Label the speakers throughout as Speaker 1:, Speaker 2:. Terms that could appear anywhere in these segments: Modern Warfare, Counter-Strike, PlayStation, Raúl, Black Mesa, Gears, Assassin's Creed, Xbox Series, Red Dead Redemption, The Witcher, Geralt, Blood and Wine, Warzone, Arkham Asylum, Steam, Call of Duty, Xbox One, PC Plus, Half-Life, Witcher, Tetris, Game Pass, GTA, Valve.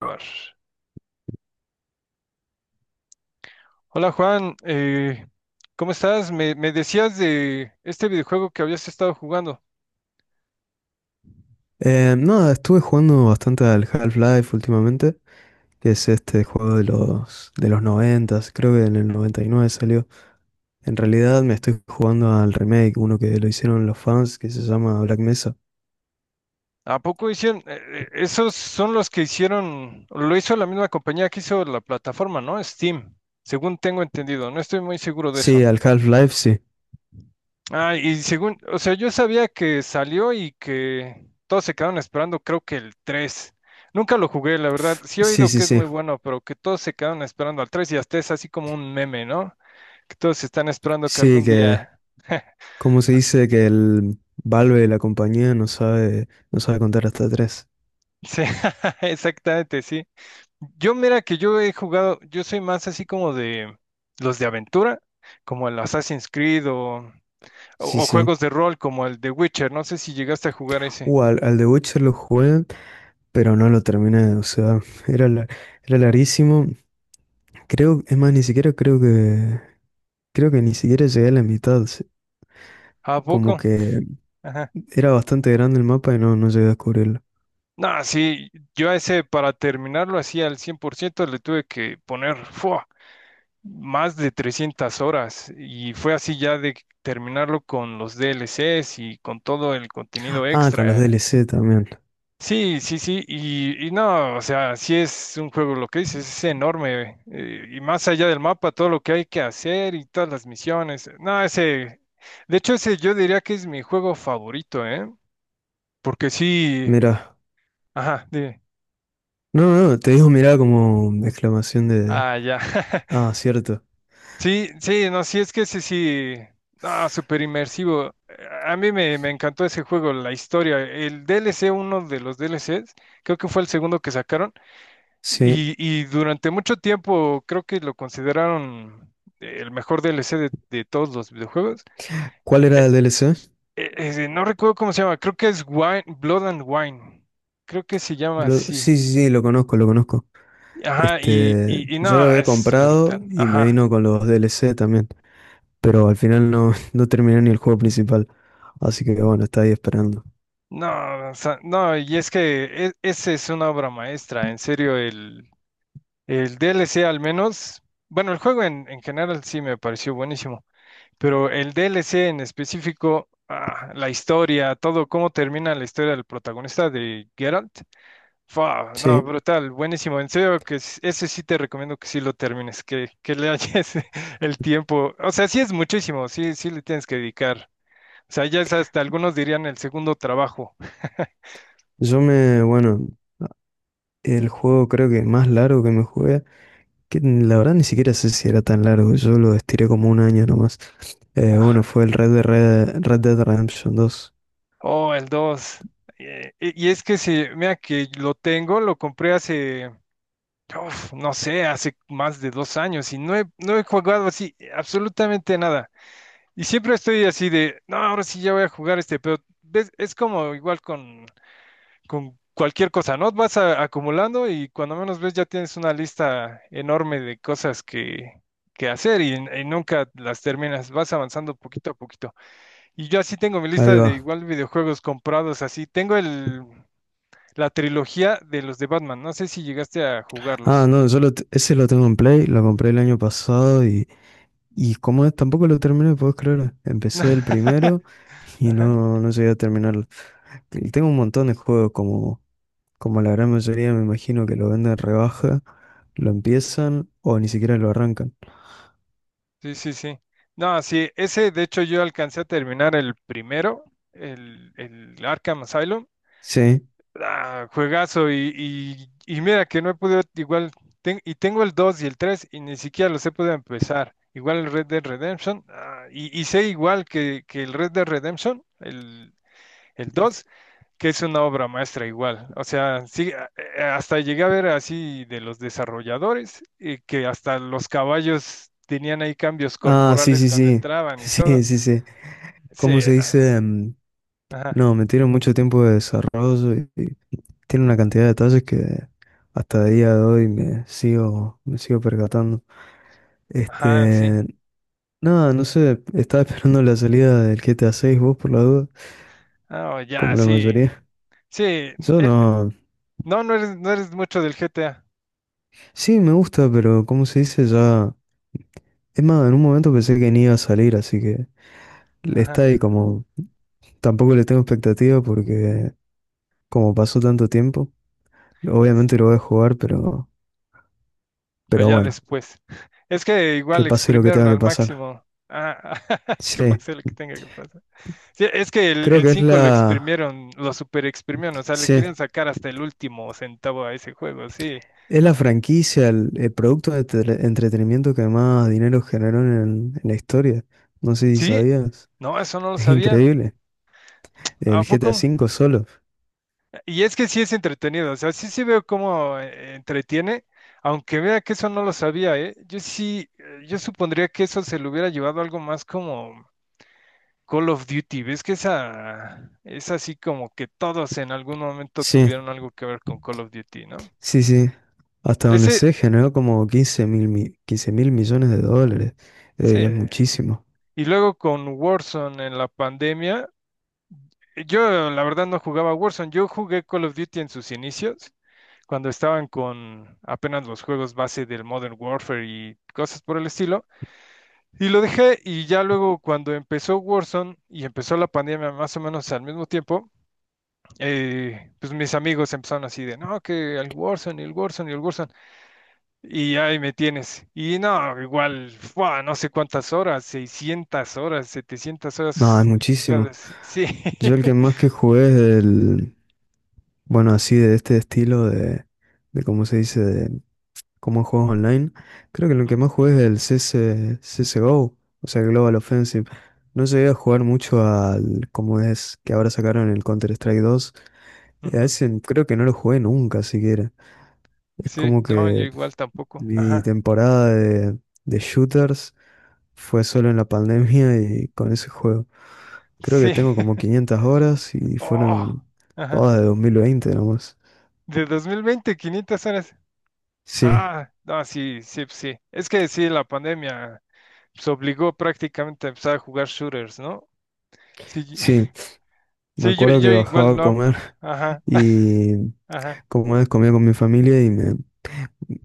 Speaker 1: Grabar. Hola Juan, ¿cómo estás? Me decías de este videojuego que habías estado jugando.
Speaker 2: Nada, estuve jugando bastante al Half-Life últimamente, que es este juego de los 90. Creo que en el 99 salió. En realidad me estoy jugando al remake, uno que lo hicieron los fans, que se llama Black Mesa.
Speaker 1: ¿A poco hicieron? Esos son los que hicieron, lo hizo la misma compañía que hizo la plataforma, ¿no? Steam, según tengo entendido. No estoy muy seguro de
Speaker 2: Sí,
Speaker 1: eso.
Speaker 2: al Half-Life, sí.
Speaker 1: Ah, y según, o sea, yo sabía que salió y que todos se quedaron esperando, creo que el 3. Nunca lo jugué, la verdad. Sí he
Speaker 2: Sí,
Speaker 1: oído
Speaker 2: sí,
Speaker 1: que es
Speaker 2: sí.
Speaker 1: muy bueno, pero que todos se quedaron esperando al 3 y hasta es así como un meme, ¿no? Que todos están esperando que
Speaker 2: Sí,
Speaker 1: algún
Speaker 2: que
Speaker 1: día...
Speaker 2: como se dice que el Valve, la compañía, no sabe contar hasta tres.
Speaker 1: Sí, exactamente, sí. Yo mira que yo he jugado, yo soy más así como de los de aventura, como el Assassin's Creed o,
Speaker 2: Sí,
Speaker 1: o o
Speaker 2: sí.
Speaker 1: juegos de rol como el de Witcher. No sé si llegaste a jugar ese.
Speaker 2: Al The Witcher lo jugué, pero no lo terminé. O sea, era, la- era larguísimo. Creo, es más, ni siquiera creo que ni siquiera llegué a la mitad.
Speaker 1: ¿A
Speaker 2: Como
Speaker 1: poco?
Speaker 2: que era bastante grande el mapa y no llegué a descubrirlo.
Speaker 1: No, sí, yo a ese para terminarlo así al 100% le tuve que poner ¡fua! Más de 300 horas y fue así ya de terminarlo con los DLCs y con todo el contenido
Speaker 2: Ah, con los
Speaker 1: extra.
Speaker 2: DLC también.
Speaker 1: Sí, sí, sí, y no, o sea, sí es un juego, lo que dices, es enorme y más allá del mapa, todo lo que hay que hacer y todas las misiones. No, ese, de hecho ese yo diría que es mi juego favorito, ¿eh? Porque sí,
Speaker 2: Mirá.
Speaker 1: ajá, dime.
Speaker 2: No, no, no, te dijo mirá como exclamación de...
Speaker 1: Ah, ya.
Speaker 2: Ah, cierto.
Speaker 1: Sí, sí, no, sí, es que sí, sí, ah, súper inmersivo. A mí me encantó ese juego, la historia. El DLC, uno de los DLCs, creo que fue el segundo que sacaron,
Speaker 2: Sí.
Speaker 1: y durante mucho tiempo creo que lo consideraron el mejor DLC de todos los videojuegos.
Speaker 2: ¿Cuál era el DLC?
Speaker 1: No recuerdo cómo se llama, creo que es Wine, Blood and Wine, creo que se llama así.
Speaker 2: Sí, sí, sí, lo conozco.
Speaker 1: Ajá, y,
Speaker 2: Este,
Speaker 1: y, y
Speaker 2: yo lo
Speaker 1: no,
Speaker 2: había
Speaker 1: es
Speaker 2: comprado
Speaker 1: brutal.
Speaker 2: y me
Speaker 1: Ajá.
Speaker 2: vino con los DLC también. Pero al final no, no terminé ni el juego principal. Así que bueno, está ahí esperando.
Speaker 1: No, o sea, no, y es que esa es una obra maestra, en serio, el D L C al menos, bueno, el juego en general sí me pareció buenísimo, pero el D L C en específico, ah, la historia, todo, cómo termina la historia del protagonista de Geralt, fua, no,
Speaker 2: Sí,
Speaker 1: brutal, buenísimo, en serio, que ese sí te recomiendo que sí lo termines, que le halles el tiempo, o sea, sí es muchísimo, sí, sí le tienes que dedicar, o sea, ya es hasta, algunos dirían el segundo trabajo.
Speaker 2: yo me, bueno, El juego creo que más largo que me jugué, que la verdad ni siquiera sé si era tan largo, yo lo estiré como un año nomás. Bueno, fue el Red Dead Redemption 2.
Speaker 1: Oh, el dos. Y es que sí, mira que lo tengo, lo compré hace, uf, no sé, hace más de dos años y no he jugado así absolutamente nada. Y siempre estoy así de, no, ahora sí ya voy a jugar este, pero ves, es como igual con cualquier cosa, ¿no? Vas acumulando y cuando menos ves ya tienes una lista enorme de cosas que hacer y nunca las terminas, vas avanzando poquito a poquito. Y yo así tengo mi
Speaker 2: Ahí
Speaker 1: lista
Speaker 2: va.
Speaker 1: de igual videojuegos comprados así. Tengo el, la trilogía de los de Batman. No sé si llegaste a
Speaker 2: Ah,
Speaker 1: jugarlos.
Speaker 2: no, ese lo tengo en Play, lo compré el año pasado y como es, tampoco lo terminé, puedes creer. Empecé el primero y
Speaker 1: Ajá.
Speaker 2: no, no llegué a terminarlo. Y tengo un montón de juegos, como, como la gran mayoría me imagino que lo venden rebaja, lo empiezan o ni siquiera lo arrancan.
Speaker 1: Sí, sí, sí. No, sí, ese de hecho yo alcancé a terminar el primero, el Arkham Asylum.
Speaker 2: Sí.
Speaker 1: Ah, juegazo y mira que no he podido igual, y tengo el 2 y el 3 y ni siquiera los he podido empezar. Igual el Red Dead Redemption, ah, y sé igual que el Red Dead Redemption, el 2 que es una obra maestra igual. O sea, sí, hasta llegué a ver así de los desarrolladores, que hasta los caballos tenían ahí cambios
Speaker 2: Ah, sí,
Speaker 1: corporales
Speaker 2: sí,
Speaker 1: cuando
Speaker 2: sí.
Speaker 1: entraban y
Speaker 2: Sí,
Speaker 1: todo.
Speaker 2: sí, sí. ¿Cómo
Speaker 1: Sí,
Speaker 2: se
Speaker 1: no.
Speaker 2: dice?
Speaker 1: Ajá,
Speaker 2: No, me tiene mucho tiempo de desarrollo y tiene una cantidad de detalles que hasta el día de hoy me sigo percatando.
Speaker 1: ajá, sí.
Speaker 2: Este, nada, no sé, estaba esperando la salida del GTA 6, vos por la duda,
Speaker 1: Ah, oh, ya,
Speaker 2: como la
Speaker 1: sí.
Speaker 2: mayoría.
Speaker 1: Sí,
Speaker 2: Yo
Speaker 1: eh,
Speaker 2: no.
Speaker 1: no, no eres, no eres mucho del GTA.
Speaker 2: Sí, me gusta, pero ¿cómo se dice? Ya. Es más, en un momento pensé que ni iba a salir, así que le está ahí
Speaker 1: Ajá.
Speaker 2: como. Tampoco le tengo expectativa porque como pasó tanto tiempo. Obviamente lo voy a jugar,
Speaker 1: Pero
Speaker 2: pero
Speaker 1: ya
Speaker 2: bueno,
Speaker 1: después. Es que
Speaker 2: que
Speaker 1: igual
Speaker 2: pase lo que
Speaker 1: exprimieron
Speaker 2: tenga que
Speaker 1: al
Speaker 2: pasar.
Speaker 1: máximo. Ah, que
Speaker 2: Sí,
Speaker 1: pase lo que tenga que pasar. Sí, es que
Speaker 2: creo
Speaker 1: el
Speaker 2: que es
Speaker 1: 5 lo
Speaker 2: la,
Speaker 1: exprimieron, lo super exprimieron, o sea, le
Speaker 2: sí,
Speaker 1: querían sacar hasta el último centavo a ese juego, sí.
Speaker 2: es la franquicia, el producto de entretenimiento que más dinero generó en la historia. No sé si
Speaker 1: Sí,
Speaker 2: sabías.
Speaker 1: no, eso no lo
Speaker 2: Es
Speaker 1: sabía.
Speaker 2: increíble.
Speaker 1: ¿A
Speaker 2: El
Speaker 1: poco?
Speaker 2: GTA V solo.
Speaker 1: Y es que sí es entretenido, o sea, sí sí veo cómo entretiene, aunque vea que eso no lo sabía, ¿eh? Yo sí, yo supondría que eso se lo hubiera llevado algo más como Call of Duty, ¿ves que esa es así como que todos en algún momento
Speaker 2: Sí,
Speaker 1: tuvieron algo que ver con Call of Duty, ¿no?
Speaker 2: sí, sí. Hasta donde
Speaker 1: Ese,
Speaker 2: sé, generó como 15 mil millones de dólares.
Speaker 1: sí,
Speaker 2: Es muchísimo.
Speaker 1: y luego con Warzone en la pandemia, yo la verdad no jugaba Warzone, yo jugué Call of Duty en sus inicios, cuando estaban con apenas los juegos base del Modern Warfare y cosas por el estilo, y lo dejé y ya luego cuando empezó Warzone y empezó la pandemia más o menos al mismo tiempo, pues mis amigos empezaron así de, no, que el Warzone y el Warzone y el Warzone. Y ahí me tienes. Y no, igual, ¡fua! No sé cuántas horas, 600 horas, 700
Speaker 2: No, es
Speaker 1: horas
Speaker 2: muchísimo.
Speaker 1: dedicadas. Sí.
Speaker 2: Yo el que más que jugué es el, Bueno, así de este estilo de cómo se dice, de cómo juegos online, creo que lo que
Speaker 1: Ujú,
Speaker 2: más jugué es el CSGO, o sea, Global Offensive. No llegué a jugar mucho al, como es que ahora sacaron el Counter-Strike 2. A
Speaker 1: ujú.
Speaker 2: ese creo que no lo jugué nunca siquiera. Es
Speaker 1: Sí,
Speaker 2: como
Speaker 1: no, yo
Speaker 2: que
Speaker 1: igual tampoco.
Speaker 2: mi
Speaker 1: Ajá.
Speaker 2: temporada de shooters fue solo en la pandemia y con ese juego. Creo que
Speaker 1: Sí.
Speaker 2: tengo como 500 horas y
Speaker 1: Oh,
Speaker 2: fueron
Speaker 1: ajá.
Speaker 2: todas de 2020, nomás.
Speaker 1: De 2020 500 horas.
Speaker 2: Sí.
Speaker 1: Ah, no, sí, sí, pues sí. Es que sí, la pandemia se obligó prácticamente a empezar a jugar shooters, ¿no? Sí,
Speaker 2: Sí, me
Speaker 1: sí, yo,
Speaker 2: acuerdo que
Speaker 1: yo
Speaker 2: bajaba
Speaker 1: igual
Speaker 2: a
Speaker 1: no.
Speaker 2: comer
Speaker 1: Ajá,
Speaker 2: y
Speaker 1: ajá.
Speaker 2: como vez comía con mi familia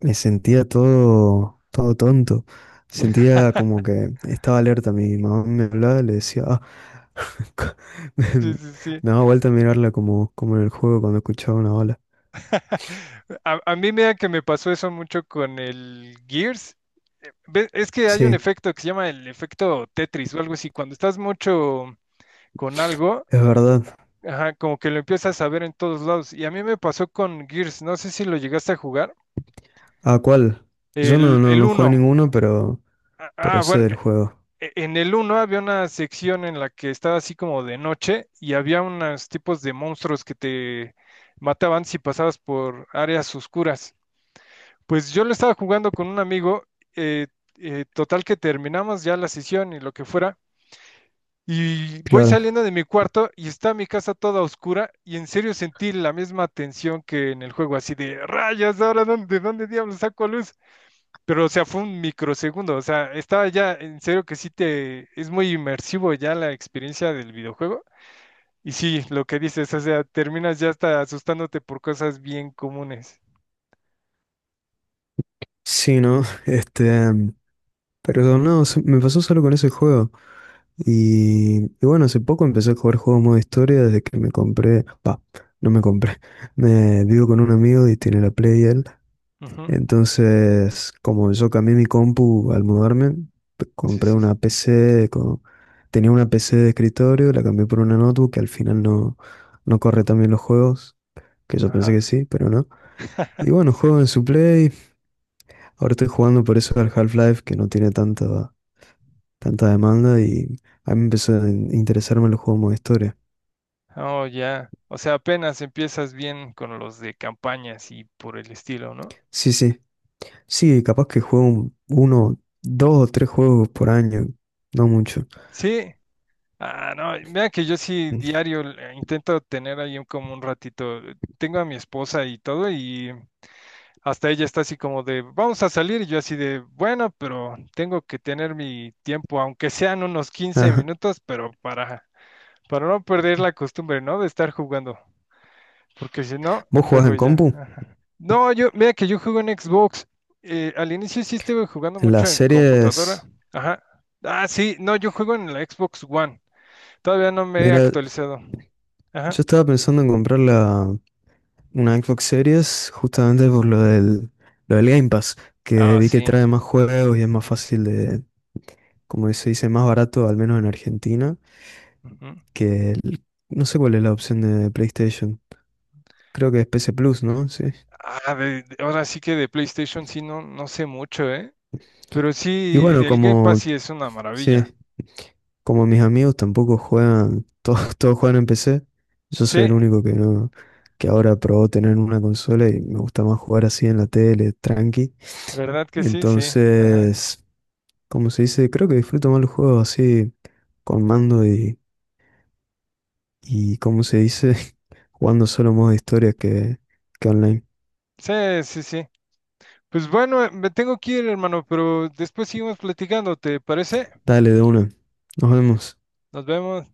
Speaker 2: me sentía todo tonto. Sentía como que estaba alerta. Mi mamá me hablaba y le decía, ah, co- me,
Speaker 1: Sí, sí, sí.
Speaker 2: me daba vuelta a mirarla como, como en el juego cuando escuchaba una ola.
Speaker 1: A, a mí mira que me pasó eso mucho con el Gears. Es que hay un
Speaker 2: Sí,
Speaker 1: efecto que se llama el efecto Tetris o algo así. Cuando estás mucho con algo,
Speaker 2: es verdad.
Speaker 1: ajá, como que lo empiezas a ver en todos lados. Y a mí me pasó con Gears. No sé si lo llegaste a jugar.
Speaker 2: ¿A cuál? Yo no,
Speaker 1: El
Speaker 2: no jugué
Speaker 1: 1.
Speaker 2: ninguno,
Speaker 1: Ah,
Speaker 2: pero
Speaker 1: ah,
Speaker 2: sé
Speaker 1: bueno,
Speaker 2: del juego.
Speaker 1: en el uno había una sección en la que estaba así como de noche y había unos tipos de monstruos que te mataban si pasabas por áreas oscuras. Pues yo lo estaba jugando con un amigo, eh, total que terminamos ya la sesión y lo que fuera, y voy
Speaker 2: Claro.
Speaker 1: saliendo de mi cuarto y está mi casa toda oscura y en serio sentí la misma tensión que en el juego, así de rayas, ahora dónde, de dónde diablos saco luz, pero o sea, fue un microsegundo, o sea, estaba ya en serio que sí te, es muy inmersivo ya la experiencia del videojuego, y sí, lo que dices, o sea, terminas ya hasta asustándote por cosas bien comunes.
Speaker 2: Sí, ¿no? Pero no, me pasó solo con ese juego. Y bueno, hace poco empecé a jugar juegos modo historia desde que me compré. No me compré. Me vivo con un amigo y tiene la Play él.
Speaker 1: Ujú.
Speaker 2: Entonces, como yo cambié mi compu al mudarme,
Speaker 1: Sí,
Speaker 2: compré
Speaker 1: sí,
Speaker 2: una
Speaker 1: sí.
Speaker 2: PC. Tenía una PC de escritorio, la cambié por una notebook que al final no, no corre también los juegos, que yo pensé
Speaker 1: Ajá.
Speaker 2: que sí, pero no. Y bueno,
Speaker 1: Sí.
Speaker 2: juego en su Play. Ahora estoy jugando por eso al Half-Life, que no tiene tanta demanda y. A mí empezó a interesarme los juegos modo historia.
Speaker 1: Oh, ya. O sea, apenas empiezas bien con los de campañas y por el estilo, ¿no?
Speaker 2: Sí, sí. Sí, capaz que juego uno, dos o tres juegos por año. No mucho.
Speaker 1: Sí. Ah, no, mira que yo sí
Speaker 2: Mm.
Speaker 1: diario intento tener ahí como un ratito. Tengo a mi esposa y todo y hasta ella está así como de, vamos a salir y yo así de, bueno, pero tengo que tener mi tiempo, aunque sean unos quince
Speaker 2: Ajá.
Speaker 1: minutos, pero para no perder la costumbre, ¿no? De estar jugando. Porque si no,
Speaker 2: ¿Vos jugás
Speaker 1: luego
Speaker 2: en
Speaker 1: ya.
Speaker 2: compu?
Speaker 1: Ajá. No, yo, mira que yo juego en Xbox. Al inicio sí estuve jugando
Speaker 2: En
Speaker 1: mucho
Speaker 2: las
Speaker 1: en computadora.
Speaker 2: series.
Speaker 1: Ajá. Ah, sí, no, yo juego en la Xbox One. Todavía no me he
Speaker 2: Mira,
Speaker 1: actualizado. Ajá.
Speaker 2: yo estaba pensando en comprar una Xbox Series justamente por lo del Game Pass, que
Speaker 1: Ah,
Speaker 2: vi que
Speaker 1: sí.
Speaker 2: trae más juegos y es más fácil de, como se dice, más barato, al menos en Argentina,
Speaker 1: Ujú.
Speaker 2: que el- no sé cuál es la opción de PlayStation. Creo que es PC Plus, ¿no? Sí.
Speaker 1: Ah, ahora sí que de PlayStation sí no, no sé mucho, ¿eh? Pero
Speaker 2: Y
Speaker 1: sí,
Speaker 2: bueno,
Speaker 1: el Game Pass sí es una maravilla.
Speaker 2: sí, como mis amigos tampoco juegan, todos, todos juegan en PC, yo
Speaker 1: Sí,
Speaker 2: soy el único que no, que ahora probó tener una consola y me gusta más jugar así en la tele, tranqui.
Speaker 1: ¿verdad que sí? Sí. Ajá.
Speaker 2: Entonces, como se dice, creo que disfruto más los juegos así con mando y como se dice, jugando solo modo de historia que online.
Speaker 1: Sí, sí, sí. Pues bueno, me tengo que ir, hermano, pero después seguimos platicando, ¿te parece?
Speaker 2: Dale de una. Nos vemos.
Speaker 1: Nos vemos.